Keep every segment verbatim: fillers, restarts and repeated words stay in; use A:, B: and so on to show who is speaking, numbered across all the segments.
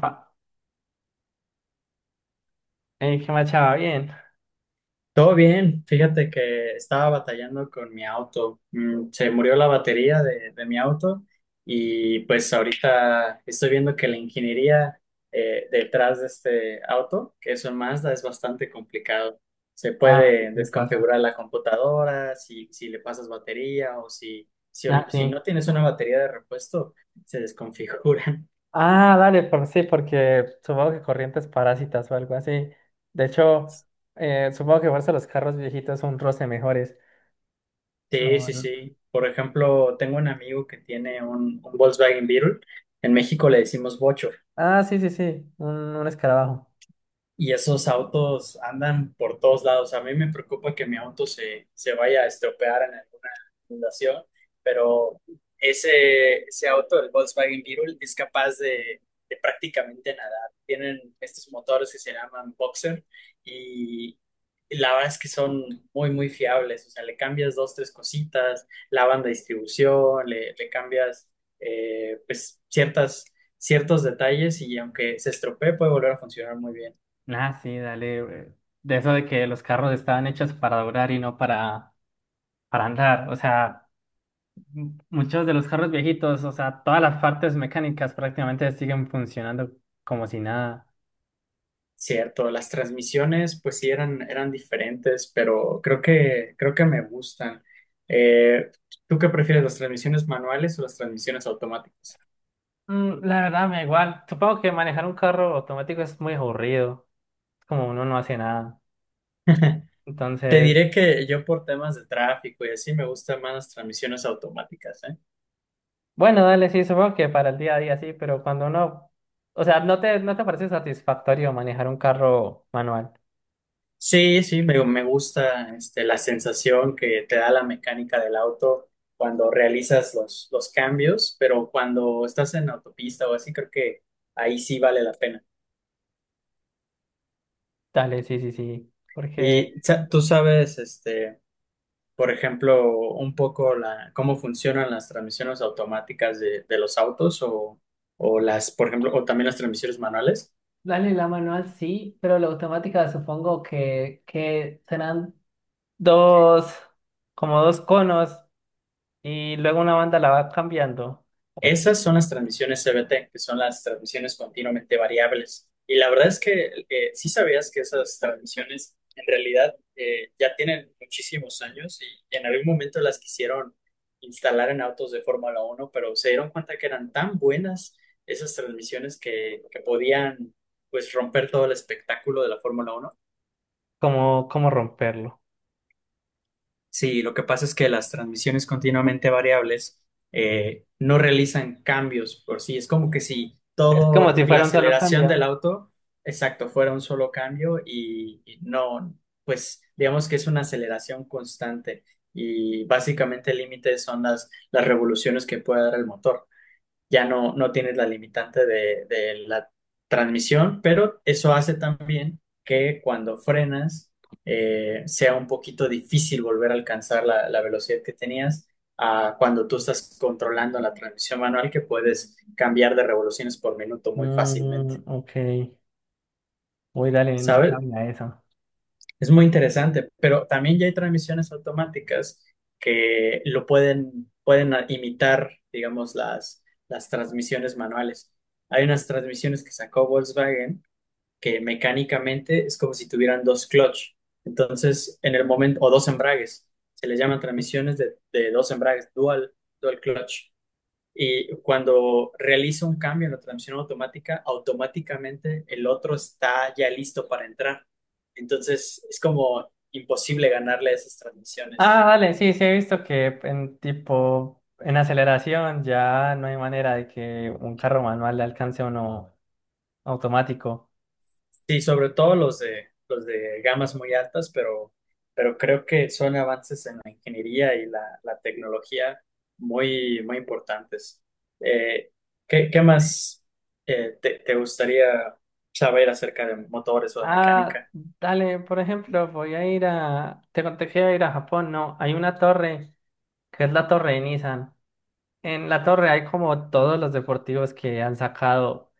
A: Pa- eh, ¿Qué más, chava? Bien.
B: Todo bien, fíjate que estaba batallando con mi auto. Mm, Se murió la batería de, de mi auto y pues ahorita estoy viendo que la ingeniería eh, detrás de este auto, que es un Mazda, es bastante complicado. Se
A: Ah,
B: puede
A: sí pasa.
B: desconfigurar la computadora, si, si le pasas batería o si, si,
A: Ah,
B: si
A: sí.
B: no tienes una batería de repuesto, se desconfiguran.
A: Ah, dale, por, sí, porque supongo que corrientes parásitas o algo así. De hecho, eh, supongo que fuerza los carros viejitos son un roce mejores.
B: Sí,
A: No,
B: sí,
A: no.
B: sí. Por ejemplo, tengo un amigo que tiene un, un Volkswagen Beetle. En México le decimos bocho.
A: Ah, sí, sí, sí, un, un, escarabajo.
B: Y esos autos andan por todos lados. A mí me preocupa que mi auto se, se vaya a estropear en alguna fundación, pero ese, ese auto, el Volkswagen Beetle, es capaz de, de prácticamente nadar. Tienen estos motores que se llaman Boxer y la verdad es que son muy, muy fiables. O sea, le cambias dos, tres cositas, la banda de distribución, le, le cambias eh, pues ciertas, ciertos detalles y aunque se estropee puede volver a funcionar muy bien.
A: Ah, sí, dale. eh, De eso de que los carros estaban hechos para durar y no para, para andar. O sea, muchos de los carros viejitos, o sea, todas las partes mecánicas prácticamente siguen funcionando como si nada.
B: Cierto, las transmisiones pues sí eran, eran diferentes, pero creo que, creo que me gustan. Eh, ¿Tú qué prefieres, las transmisiones manuales o las transmisiones automáticas?
A: Mm, la verdad me da igual. Supongo que manejar un carro automático es muy aburrido. Es como uno no hace nada.
B: Te
A: Entonces,
B: diré que yo por temas de tráfico y así me gustan más las transmisiones automáticas, ¿eh?
A: bueno, dale, sí, supongo que para el día a día sí, pero cuando uno, o sea, no te, no te parece satisfactorio manejar un carro manual.
B: Sí, sí, me, me gusta este, la sensación que te da la mecánica del auto cuando realizas los, los cambios, pero cuando estás en autopista o así, creo que ahí sí vale la pena.
A: Dale, sí, sí, sí. Porque,
B: Y sa- tú sabes, este, por ejemplo, un poco la, cómo funcionan las transmisiones automáticas de, de los autos o, o las, por ejemplo, o también las transmisiones manuales.
A: Dale, la manual sí, pero la automática supongo que, que serán dos, como dos conos, y luego una banda la va cambiando. Ok.
B: Esas son las transmisiones C V T, que son las transmisiones continuamente variables. Y la verdad es que eh, sí sabías que esas transmisiones en realidad eh, ya tienen muchísimos años y en algún momento las quisieron instalar en autos de Fórmula Uno, pero se dieron cuenta que eran tan buenas esas transmisiones que, que podían pues romper todo el espectáculo de la Fórmula Uno.
A: ¿Cómo, cómo romperlo?
B: Sí, lo que pasa es que las transmisiones continuamente variables eh, no realizan cambios por sí. Es como que si
A: Es como si
B: todo, la
A: fuera un solo
B: aceleración
A: cambio.
B: del auto, exacto, fuera un solo cambio y, y no, pues digamos que es una aceleración constante y básicamente el límite son las, las revoluciones que puede dar el motor ya no, no tienes la limitante de, de la transmisión, pero eso hace también que cuando frenas eh, sea un poquito difícil volver a alcanzar la, la velocidad que tenías a cuando tú estás controlando la transmisión manual, que puedes cambiar de revoluciones por minuto muy fácilmente,
A: Mm, ok. Uy, dale, no
B: ¿sabes?
A: sabía eso.
B: Es muy interesante, pero también ya hay transmisiones automáticas que lo pueden, pueden a- imitar, digamos, las, las transmisiones manuales. Hay unas transmisiones que sacó Volkswagen que mecánicamente es como si tuvieran dos clutch. Entonces, en el momento, o dos embragues, se les llaman transmisiones de, de dos embragues, dual, dual clutch. Y cuando realizo un cambio en la transmisión automática, automáticamente el otro está ya listo para entrar. Entonces es como imposible ganarle a esas transmisiones.
A: Ah, vale, sí, sí he visto que en tipo, en aceleración ya no hay manera de que un carro manual le alcance a uno automático.
B: Sí, sobre todo los de, los de gamas muy altas, pero, pero creo que son avances en la ingeniería y la, la tecnología muy, muy importantes. Eh, ¿Qué, qué más eh, te, te gustaría saber acerca de motores o de
A: Ah,
B: mecánica?
A: dale, por ejemplo, voy a ir a, te conté que iba a ir a Japón, no, hay una torre, que es la torre de Nissan. En la torre hay como todos los deportivos que han sacado.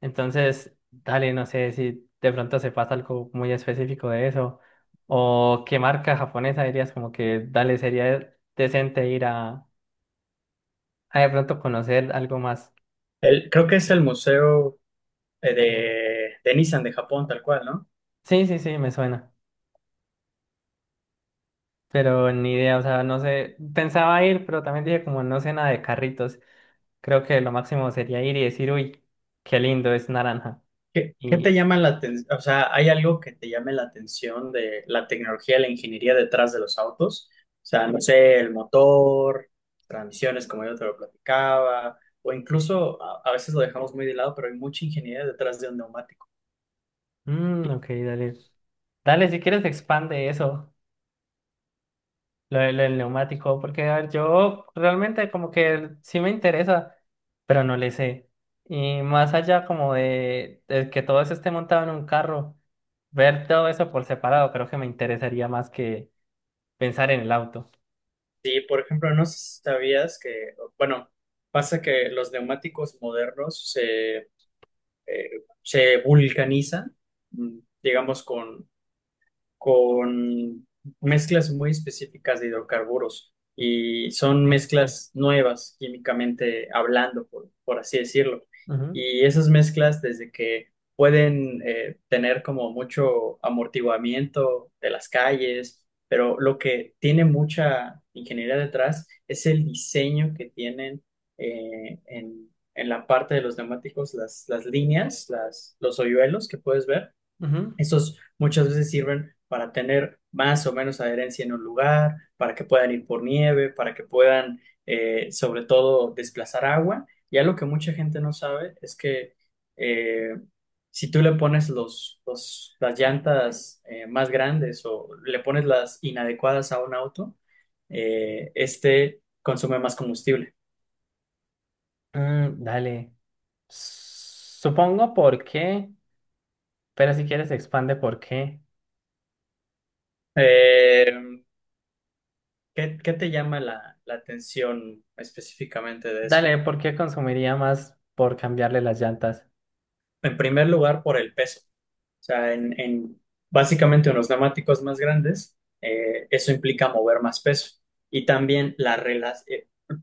A: Entonces, dale, no sé si de pronto sepas algo muy específico de eso. O qué marca japonesa dirías como que, dale, sería decente ir a, a de pronto conocer algo más.
B: El- creo que es el museo eh, de, de Nissan de Japón, tal cual, ¿no?
A: Sí, sí, sí, me suena. Pero ni idea, o sea, no sé. Pensaba ir, pero también dije como no sé nada de carritos. Creo que lo máximo sería ir y decir, uy, qué lindo, es naranja.
B: ¿Qué, qué te
A: Y,
B: llama la atención? O sea, ¿hay algo que te llame la atención de la tecnología, la ingeniería detrás de los autos? O sea, no sé, el motor, transmisiones, como yo te lo platicaba, o incluso a, a veces lo dejamos muy de lado, pero hay mucha ingeniería detrás de un neumático.
A: mm, ok, dale. Dale, si quieres expande eso. Lo, de- lo del neumático, porque a ver, yo realmente como que sí me interesa, pero no le sé. Y más allá como de, de que todo eso esté montado en un carro, ver todo eso por separado creo que me interesaría más que pensar en el auto.
B: Sí, por ejemplo, no sé si sabías que, bueno, pasa que los neumáticos modernos se, eh, se vulcanizan, mm, digamos, con con mezclas muy específicas de hidrocarburos y son mezclas nuevas químicamente hablando, por, por así decirlo.
A: Ujú,
B: Y esas mezclas, desde que pueden eh, tener como mucho amortiguamiento de las calles, pero lo que tiene mucha ingeniería detrás es el diseño que tienen eh, en, en la parte de los neumáticos, las, las líneas, las, los hoyuelos que puedes ver
A: ujú.
B: esos muchas veces sirven para tener más o menos adherencia en un lugar, para que puedan ir por nieve, para que puedan, eh, sobre todo, desplazar agua. Y algo que mucha gente no sabe es que eh, si tú le pones los, los- las llantas eh, más grandes o le pones las inadecuadas a un auto, eh, este consume más combustible.
A: Mm, dale. Supongo por qué, pero si quieres expande por qué.
B: Eh, ¿Qué, qué te llama la la atención específicamente de eso?
A: Dale, ¿por qué consumiría más por cambiarle las llantas?
B: En primer lugar, por el peso. Sea, en, en básicamente unos neumáticos más grandes, eh, eso implica mover más peso. Y también la relación,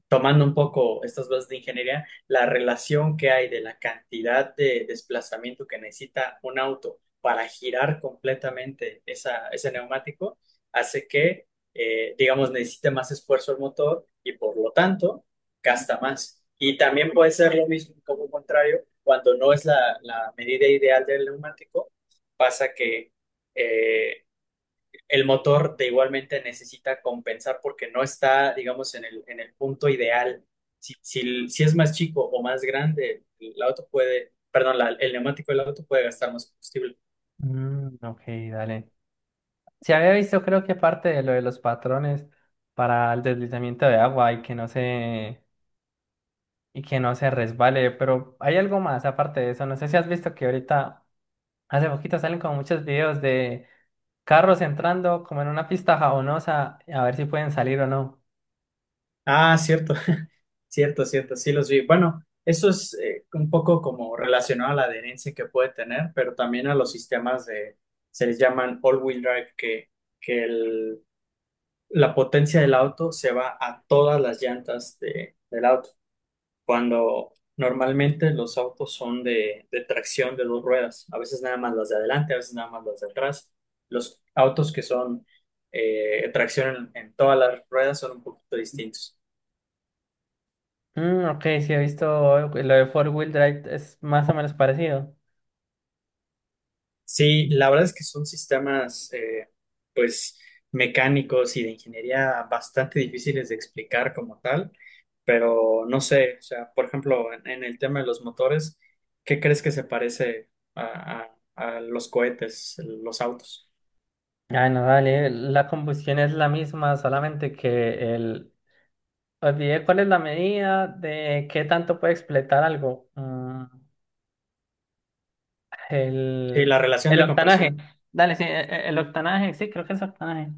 B: tomando un poco estas bases de ingeniería, la relación que hay de la cantidad de desplazamiento que necesita un auto para girar completamente esa, ese neumático, hace que, eh, digamos, necesite más esfuerzo el motor y por lo tanto gasta más. Y también puede ser lo mismo, un poco contrario, cuando no es la la medida ideal del neumático pasa que eh, el motor de igualmente necesita compensar porque no está, digamos, en el, en el punto ideal. Si, si, el- si es más chico o más grande, el auto puede, perdón, la- el neumático del auto puede gastar más combustible.
A: Mm, ok, dale. Se había visto, creo que parte de lo de los patrones para el deslizamiento de agua y que no se, y que no se resbale, pero hay algo más aparte de eso. No sé si has visto que ahorita, hace poquito salen como muchos videos de carros entrando como en una pista jabonosa a ver si pueden salir o no.
B: Ah, cierto, cierto, cierto, sí los vi. Bueno, eso es eh, un poco como relacionado a la adherencia que puede tener, pero también a los sistemas de, se les llaman all-wheel drive, que, que el la potencia del auto se va a todas las llantas de- del auto. Cuando normalmente los autos son de, de tracción de dos ruedas, a veces nada más las de adelante, a veces nada más las de atrás. Los autos que son eh, tracción en, en todas las ruedas son un poquito distintos.
A: Mm, ok, sí he visto lo de four wheel drive, es más o menos parecido.
B: Sí, la verdad es que son sistemas eh, pues mecánicos y de ingeniería bastante difíciles de explicar como tal, pero no sé, o sea, por ejemplo, en, en el tema de los motores, ¿qué crees que se parece a, a a los cohetes, los autos?
A: Ah, no, dale, la combustión es la misma, solamente que el, olvidé cuál es la medida de qué tanto puede expletar algo. Mm,
B: Sí,
A: el,
B: la relación
A: el
B: de
A: octanaje.
B: compresión.
A: Dale, sí, e- e- el octanaje, sí, creo que es octanaje.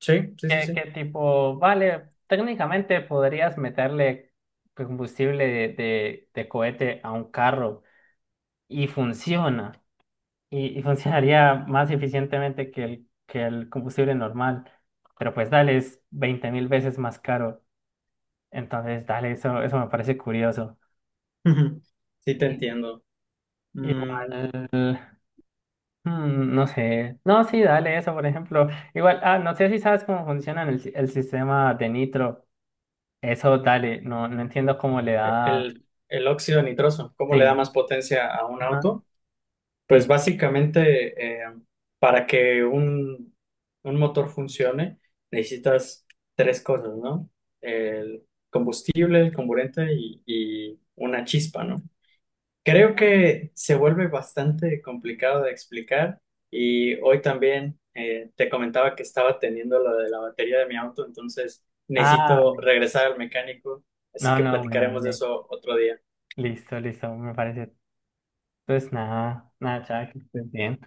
B: Sí, sí, sí,
A: Que,
B: sí.
A: que tipo, vale, técnicamente podrías meterle combustible de, de, de cohete a un carro y funciona. Y, y funcionaría más eficientemente que el, que el, combustible normal. Pero pues dale, es veinte mil veces más caro. Entonces, dale, eso, eso me parece curioso.
B: Ujú. Sí, te entiendo.
A: Igual,
B: Mm,
A: mm, no sé. No, sí, dale eso, por ejemplo. Igual, ah, no sé si sabes cómo funciona el, si- el sistema de Nitro. Eso, dale, no, no entiendo cómo le da.
B: el, el óxido nitroso, ¿cómo le da
A: Sí,
B: más potencia a un
A: ajá,
B: auto? Pues
A: sí.
B: básicamente, eh, para que un, un motor funcione, necesitas tres cosas, ¿no? El combustible, el comburente y, y una chispa, ¿no? Creo que se vuelve bastante complicado de explicar y hoy también eh, te comentaba que estaba teniendo lo de la batería de mi auto, entonces
A: Ah,
B: necesito regresar al mecánico, así
A: no,
B: que
A: no, bueno,
B: platicaremos de
A: dale.
B: eso otro día.
A: Listo, listo, me parece. Pues nada, nada, chao, que estés bien.